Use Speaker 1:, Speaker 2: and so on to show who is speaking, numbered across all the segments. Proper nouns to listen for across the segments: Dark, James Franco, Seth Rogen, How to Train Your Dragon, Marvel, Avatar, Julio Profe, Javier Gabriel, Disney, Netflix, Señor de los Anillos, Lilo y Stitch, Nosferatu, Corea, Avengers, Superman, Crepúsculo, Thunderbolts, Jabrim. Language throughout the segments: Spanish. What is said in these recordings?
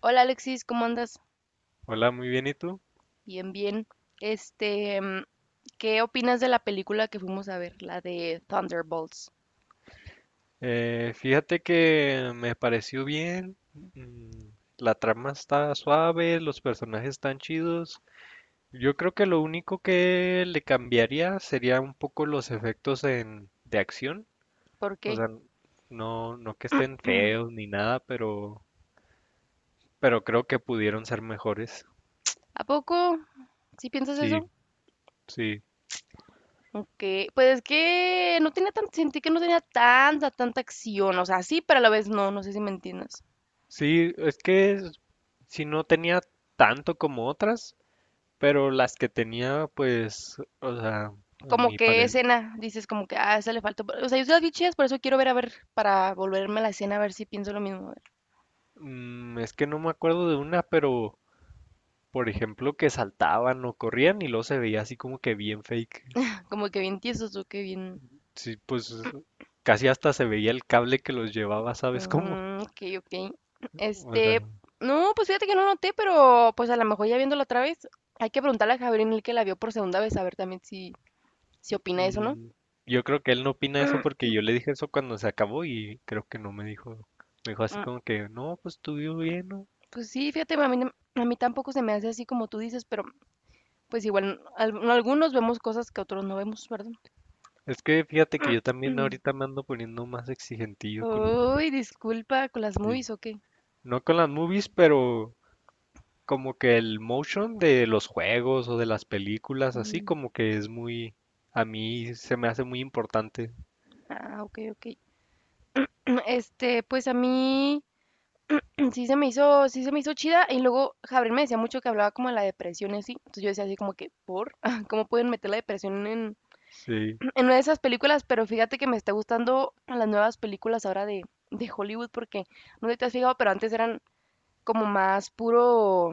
Speaker 1: Hola Alexis, ¿cómo andas?
Speaker 2: Hola, muy bien, ¿y tú?
Speaker 1: Bien, bien. Este, mm, ¿Qué opinas de la película que fuimos a ver, la de Thunderbolts?
Speaker 2: Fíjate que me pareció bien, mm, la trama está suave, los personajes están chidos. Yo creo que lo único que le cambiaría sería un poco los efectos de acción,
Speaker 1: ¿Por
Speaker 2: o
Speaker 1: qué?
Speaker 2: sea, no, no que estén feos ni nada, pero creo que pudieron ser mejores.
Speaker 1: ¿A poco? ¿Sí piensas
Speaker 2: Sí,
Speaker 1: eso?
Speaker 2: sí,
Speaker 1: Aunque, pues es que no tenía tan, sentí que no tenía tanta acción, o sea, sí, pero a la vez no, no sé si me entiendes.
Speaker 2: sí, es que si no tenía tanto como otras, pero las que tenía, pues, o sea, a
Speaker 1: Como
Speaker 2: mi
Speaker 1: que
Speaker 2: parecer,
Speaker 1: escena, dices como que, ah, esa le falta, o sea, yo sí las vi chidas, por eso quiero ver a ver, para volverme a la escena a ver si pienso lo mismo, a ver.
Speaker 2: es que no me acuerdo de una, pero, por ejemplo, que saltaban o corrían y luego se veía así como que bien fake.
Speaker 1: Como que bien tiesos o que bien,
Speaker 2: Sí, pues, casi hasta se veía el cable que los llevaba, ¿sabes cómo?
Speaker 1: mm, ok, ok.
Speaker 2: O sea,
Speaker 1: Este, no, pues fíjate que no noté, pero pues a lo mejor ya viéndolo otra vez, hay que preguntarle a Javier Gabriel que la vio por segunda vez, a ver también si, si opina eso, ¿no?
Speaker 2: mm, yo creo que él no opina eso
Speaker 1: Mm,
Speaker 2: porque yo le dije eso cuando se acabó y creo que no me dijo, me dijo así
Speaker 1: mm.
Speaker 2: como que, no, pues estuvo bien, ¿no?
Speaker 1: Pues sí, fíjate, a mí, a mí tampoco se me hace así como tú dices, pero pues igual algunos vemos cosas que otros no vemos, ¿verdad?
Speaker 2: Es que fíjate que yo también ahorita me ando poniendo más exigentillo
Speaker 1: Uy, disculpa, con las movies o qué.
Speaker 2: no con las movies, pero como que el motion de los juegos o de las películas, así
Speaker 1: Mm.
Speaker 2: como que es muy, a mí se me hace muy importante.
Speaker 1: Ah, ok, ok. Pues a mí, sí se me hizo chida y luego Javier me decía mucho que hablaba como de la depresión y así, entonces yo decía así como que, ¿por? ¿Cómo pueden meter la depresión en,
Speaker 2: Sí,
Speaker 1: en una de esas películas? Pero fíjate que me está gustando las nuevas películas ahora de Hollywood porque, no sé si te has fijado, pero antes eran como más puro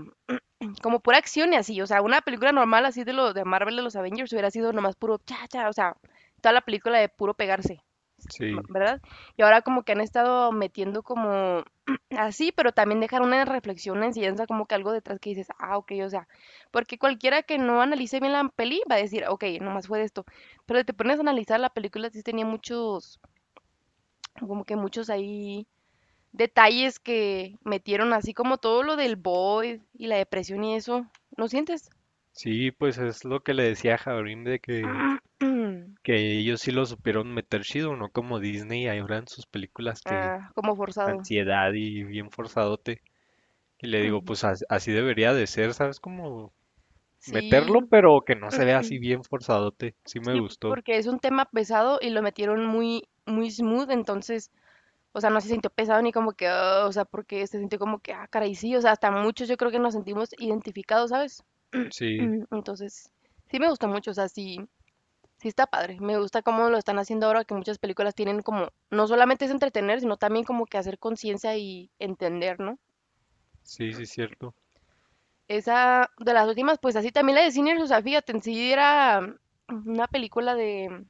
Speaker 1: como pura acción y así. O sea, una película normal así de lo de Marvel de los Avengers hubiera sido nomás puro cha cha, o sea, toda la película de puro pegarse,
Speaker 2: sí,
Speaker 1: ¿verdad? Y ahora como que han estado metiendo como así, pero también dejar una reflexión, una enseñanza como que algo detrás que dices, ah, ok, o sea, porque cualquiera que no analice bien la peli va a decir, ok, nomás fue de esto. Pero si te pones a analizar la película, sí tenía muchos, como que muchos ahí detalles que metieron así como todo lo del boy y la depresión y eso. ¿No sientes?
Speaker 2: sí, pues es lo que le decía a Jabrim de que ellos sí lo supieron meter chido, no como Disney ahora en sus películas que
Speaker 1: Ah, como forzado.
Speaker 2: ansiedad y bien forzadote. Y le digo,
Speaker 1: Ujú.
Speaker 2: pues así debería de ser, ¿sabes? Como
Speaker 1: Sí,
Speaker 2: meterlo, pero que no se vea así bien forzadote. Sí me
Speaker 1: sí,
Speaker 2: gustó.
Speaker 1: porque es un tema pesado y lo metieron muy, muy smooth, entonces, o sea, no se sintió pesado ni como que, "Ah", o sea, porque se sintió como que, ah, caray, sí, o sea, hasta muchos yo creo que nos sentimos identificados, ¿sabes?
Speaker 2: Sí,
Speaker 1: Entonces, sí me gusta mucho, o sea, sí, sí está padre. Me gusta cómo lo están haciendo ahora, que muchas películas tienen como, no solamente es entretener, sino también como que hacer conciencia y entender, ¿no?
Speaker 2: sí, sí, es cierto.
Speaker 1: Esa de las últimas, pues así también la de Cine sea fíjate, en sí era una película de,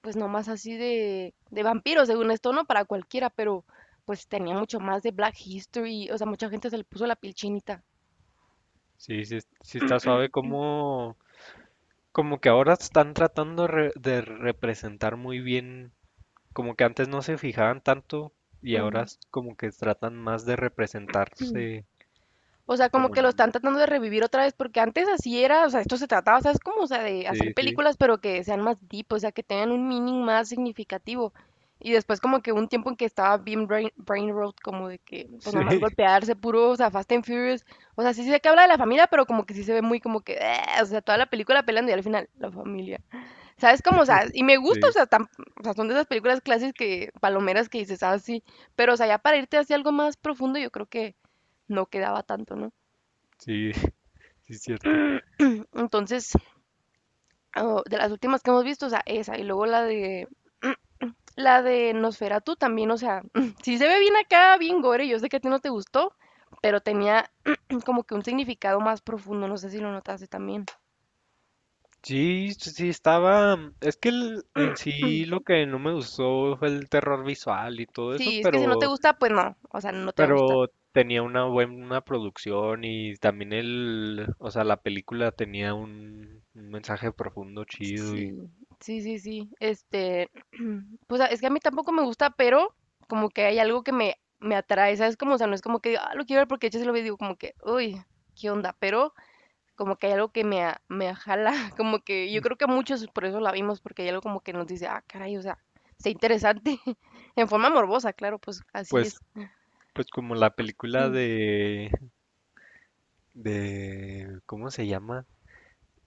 Speaker 1: pues nomás así de vampiros, según esto, no para cualquiera, pero pues tenía mucho más de Black History, o sea, mucha gente se le puso la piel chinita.
Speaker 2: Sí, sí, sí está suave como, como que ahora están tratando de representar muy bien, como que antes no se fijaban tanto y ahora es como que tratan más de representarse
Speaker 1: O sea, como
Speaker 2: como
Speaker 1: que lo
Speaker 2: en...
Speaker 1: están tratando de revivir otra vez, porque antes así era, o sea, esto se trataba, ¿sabes? Como, o sea, de hacer
Speaker 2: Sí, sí,
Speaker 1: películas, pero que sean más deep, o sea, que tengan un meaning más significativo. Y después como que hubo un tiempo en que estaba bien brain rot, como de que, pues
Speaker 2: sí,
Speaker 1: nomás golpearse, puro, o sea, Fast and Furious. O sea, sí sé que habla de la familia, pero como que sí se ve muy como que, "Ah", o sea, toda la película peleando y al final, la familia. ¿Sabes? Como, o sea, y me gusta, o
Speaker 2: sí,
Speaker 1: sea, o sea, son de esas películas clásicas que, palomeras que dices, ah, sí. Pero, o sea, ya para irte hacia algo más profundo, yo creo que no quedaba tanto, ¿no?
Speaker 2: sí, sí, es cierto.
Speaker 1: Entonces, oh, de las últimas que hemos visto, o sea, esa, y luego la de la de Nosferatu también, o sea, sí se ve bien acá, bien gore, yo sé que a ti no te gustó, pero tenía como que un significado más profundo, no sé si lo notaste también.
Speaker 2: Sí, sí estaba, es que en sí lo que no me gustó fue el terror visual y todo eso,
Speaker 1: Sí, es que si no te
Speaker 2: pero
Speaker 1: gusta, pues no, o sea, no te va a gustar.
Speaker 2: Pero tenía una buena producción y también el, o sea, la película tenía un mensaje profundo chido y
Speaker 1: Sí, sí, sí, sí. Pues a- es que a mí tampoco me gusta, pero como que hay algo que me atrae, ¿sabes? Como, o sea, no es como que digo, ah, lo quiero ver porque yo se lo veo y digo como que, uy, ¿qué onda? Pero como que hay algo que me jala, como que yo creo que muchos por eso la vimos, porque hay algo como que nos dice: "Ah, caray, o sea, está interesante". En forma morbosa, claro, pues así
Speaker 2: pues,
Speaker 1: es.
Speaker 2: pues como la película de, ¿cómo se llama?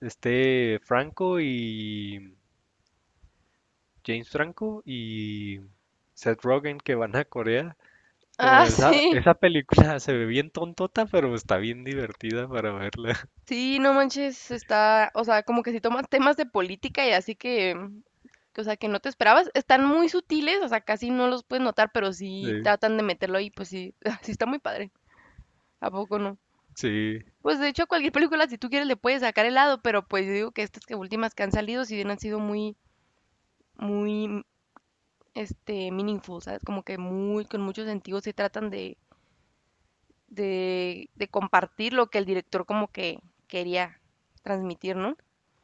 Speaker 2: Este Franco y James Franco y Seth Rogen que van a Corea. Como
Speaker 1: Ah, sí,
Speaker 2: esa película se ve bien tontota, pero está bien divertida para verla.
Speaker 1: sí, no manches, está o sea, como que si toman temas de política y así que o sea, que no te esperabas. Están muy sutiles, o sea, casi no los puedes notar, pero sí
Speaker 2: Sí,
Speaker 1: tratan de meterlo ahí, pues sí, sí está muy padre, ¿a poco no?
Speaker 2: sí.
Speaker 1: Pues, de hecho, a cualquier película, si tú quieres, le puedes sacar el lado, pero, pues, yo digo que estas que últimas que han salido, sí bien han sido muy muy, meaningful, ¿sabes? Como que muy, con mucho sentido, se tratan de, de compartir lo que el director como que quería transmitir, ¿no?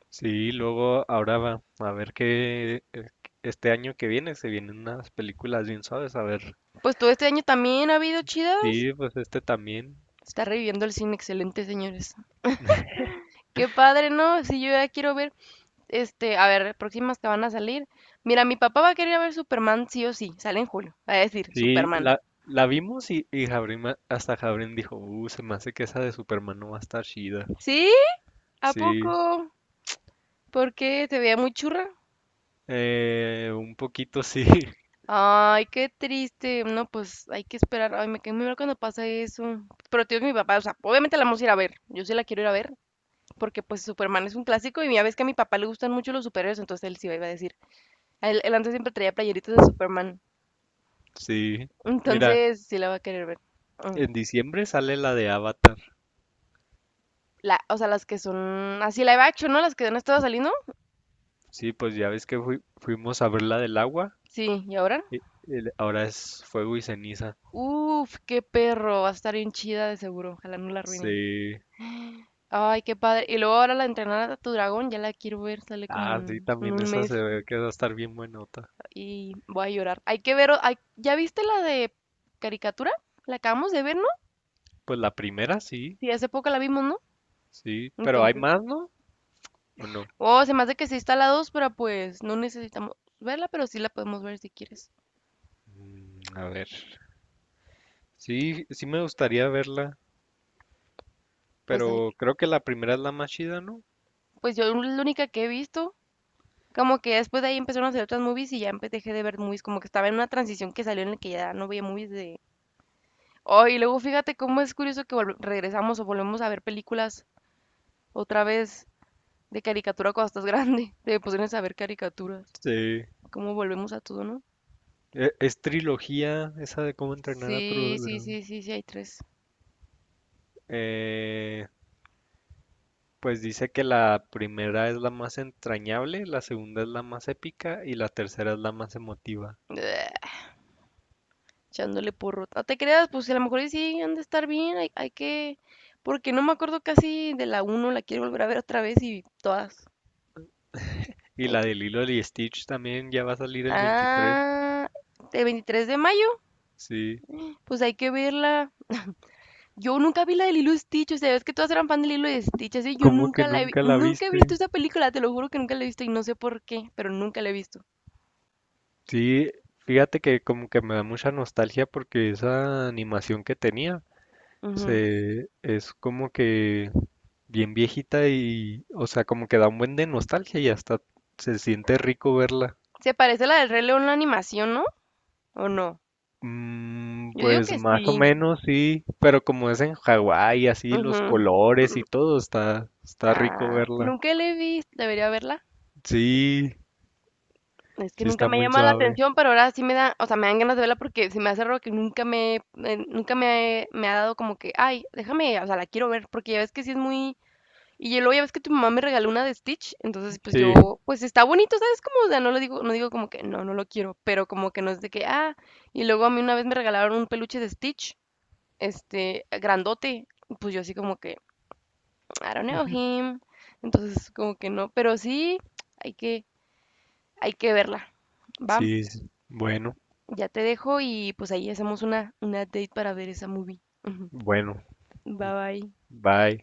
Speaker 2: Sí, luego ahora va a ver que este año que viene se vienen unas películas bien suaves, a ver.
Speaker 1: Pues todo este año también ha habido chidas.
Speaker 2: Sí, pues este también.
Speaker 1: Está reviviendo el cine, excelente, señores. Qué padre, ¿no? Si yo ya quiero ver, a ver, próximas que van a salir. Mira, mi papá va a querer ver Superman sí o sí. Sale en julio. Va a decir,
Speaker 2: Sí,
Speaker 1: Superman.
Speaker 2: la vimos y Jabrín hasta Jabrín dijo, se me hace que esa de Superman no va a estar chida.
Speaker 1: ¿Sí? ¿A
Speaker 2: Sí,
Speaker 1: poco? ¿Por qué? ¿Se veía muy churra?
Speaker 2: un poquito sí,
Speaker 1: Ay, qué triste. No, pues hay que esperar. Ay, me quedé muy mal cuando pasa eso. Pero tío, es mi papá, o sea, obviamente la vamos a ir a ver. Yo sí la quiero ir a ver. Porque pues Superman es un clásico y ya ves que a mi papá le gustan mucho los superhéroes, entonces él sí iba a decir. Él antes siempre traía playeritas de Superman.
Speaker 2: sí. Mira,
Speaker 1: Entonces sí la va a querer ver. Mm.
Speaker 2: en diciembre sale la de Avatar.
Speaker 1: La, o sea, las que son así live action, ¿no? Las que no estaba saliendo.
Speaker 2: Sí, pues ya ves que fuimos a ver la del agua.
Speaker 1: Sí, ¿y ahora?
Speaker 2: y- y ahora es fuego y ceniza.
Speaker 1: Uf, qué perro. Va a estar bien chida de seguro. Ojalá no la arruinen.
Speaker 2: Sí.
Speaker 1: Ay, qué padre. Y luego ahora la entrenar a tu dragón, ya la quiero ver, sale como
Speaker 2: Ah, sí,
Speaker 1: en
Speaker 2: también
Speaker 1: un
Speaker 2: esa
Speaker 1: mes
Speaker 2: se ve que va a estar bien buenota.
Speaker 1: y voy a llorar. Hay que ver, o- hay- ¿ya viste la de caricatura? La acabamos de ver, ¿no?
Speaker 2: Pues la primera sí,
Speaker 1: Sí, hace poco la vimos, ¿no?
Speaker 2: sí, pero hay
Speaker 1: Entonces,
Speaker 2: más, ¿no? ¿O no?
Speaker 1: oh, se me hace que sí está la dos, pero pues no necesitamos verla, pero sí la podemos ver si quieres.
Speaker 2: Mm, a ver. Sí, sí me gustaría verla,
Speaker 1: Pues hay,
Speaker 2: pero creo que la primera es la más chida, ¿no?
Speaker 1: pues yo la única que he visto, como que después de ahí empezaron a hacer otras movies y ya dejé de ver movies, como que estaba en una transición que salió en la que ya no veía movies de... Oh, y luego fíjate cómo es curioso que regresamos o volvemos a ver películas otra vez de caricatura cuando estás grande. Te pusieron a ver caricaturas.
Speaker 2: Sí.
Speaker 1: ¿Cómo volvemos a todo, no?
Speaker 2: Es trilogía esa de cómo entrenar a tu
Speaker 1: Sí, sí,
Speaker 2: dragón.
Speaker 1: sí, sí, sí, hay tres.
Speaker 2: Eh, pues dice que la primera es la más entrañable, la segunda es la más épica y la tercera es la más emotiva.
Speaker 1: Bleh, echándole porro. No te creas, pues si a lo mejor y sí han de estar bien. Hay que. Porque no me acuerdo casi de la uno la quiero volver a ver otra vez y todas.
Speaker 2: Y
Speaker 1: Hay
Speaker 2: la
Speaker 1: que-
Speaker 2: de Lilo y Stitch también ya va a salir el 23.
Speaker 1: Ah, de 23 de mayo,
Speaker 2: Sí.
Speaker 1: pues hay que verla. Yo nunca vi la de Lilo y Stitch, o sea, es que todas eran fan de Lilo y Stitch, así yo
Speaker 2: ¿Cómo que
Speaker 1: nunca la he
Speaker 2: nunca la
Speaker 1: nunca he visto
Speaker 2: viste?
Speaker 1: esa película, te lo juro que nunca la he visto y no sé por qué, pero nunca la he visto.
Speaker 2: Sí, fíjate que como que me da mucha nostalgia porque esa animación que tenía
Speaker 1: Ujú.
Speaker 2: se es como que bien viejita y, o sea, como que da un buen de nostalgia y hasta se siente rico verla.
Speaker 1: Se parece a la del Rey León la animación, ¿no? ¿O no?
Speaker 2: Mm,
Speaker 1: Yo digo
Speaker 2: pues
Speaker 1: que sí.
Speaker 2: más o menos sí, pero como es en Hawái, así los
Speaker 1: Ujú.
Speaker 2: colores
Speaker 1: Mm.
Speaker 2: y todo, está, está rico
Speaker 1: Ah,
Speaker 2: verla.
Speaker 1: nunca la he visto. Debería verla.
Speaker 2: Sí,
Speaker 1: Es que
Speaker 2: sí
Speaker 1: nunca
Speaker 2: está
Speaker 1: me
Speaker 2: muy
Speaker 1: llama la
Speaker 2: suave.
Speaker 1: atención, pero ahora sí me da, o sea, me dan ganas de verla porque se me hace raro que nunca me, nunca me ha dado como que, ay, déjame, o sea, la quiero ver, porque ya ves que sí es muy, y ya luego ya ves que tu mamá me regaló una de Stitch, entonces pues
Speaker 2: Sí,
Speaker 1: yo, pues está bonito, ¿sabes? Como, o sea, no lo digo, no digo como que, no, no lo quiero, pero como que no es de que, ah, y luego a mí una vez me regalaron un peluche de Stitch, grandote. Pues yo así como que, I don't know him. Entonces como que no, pero sí, hay que, hay que verla. Va,
Speaker 2: sí, bueno,
Speaker 1: ya te dejo y pues ahí hacemos una date para ver esa movie. Ujú.
Speaker 2: bueno,
Speaker 1: Bye bye.
Speaker 2: bye.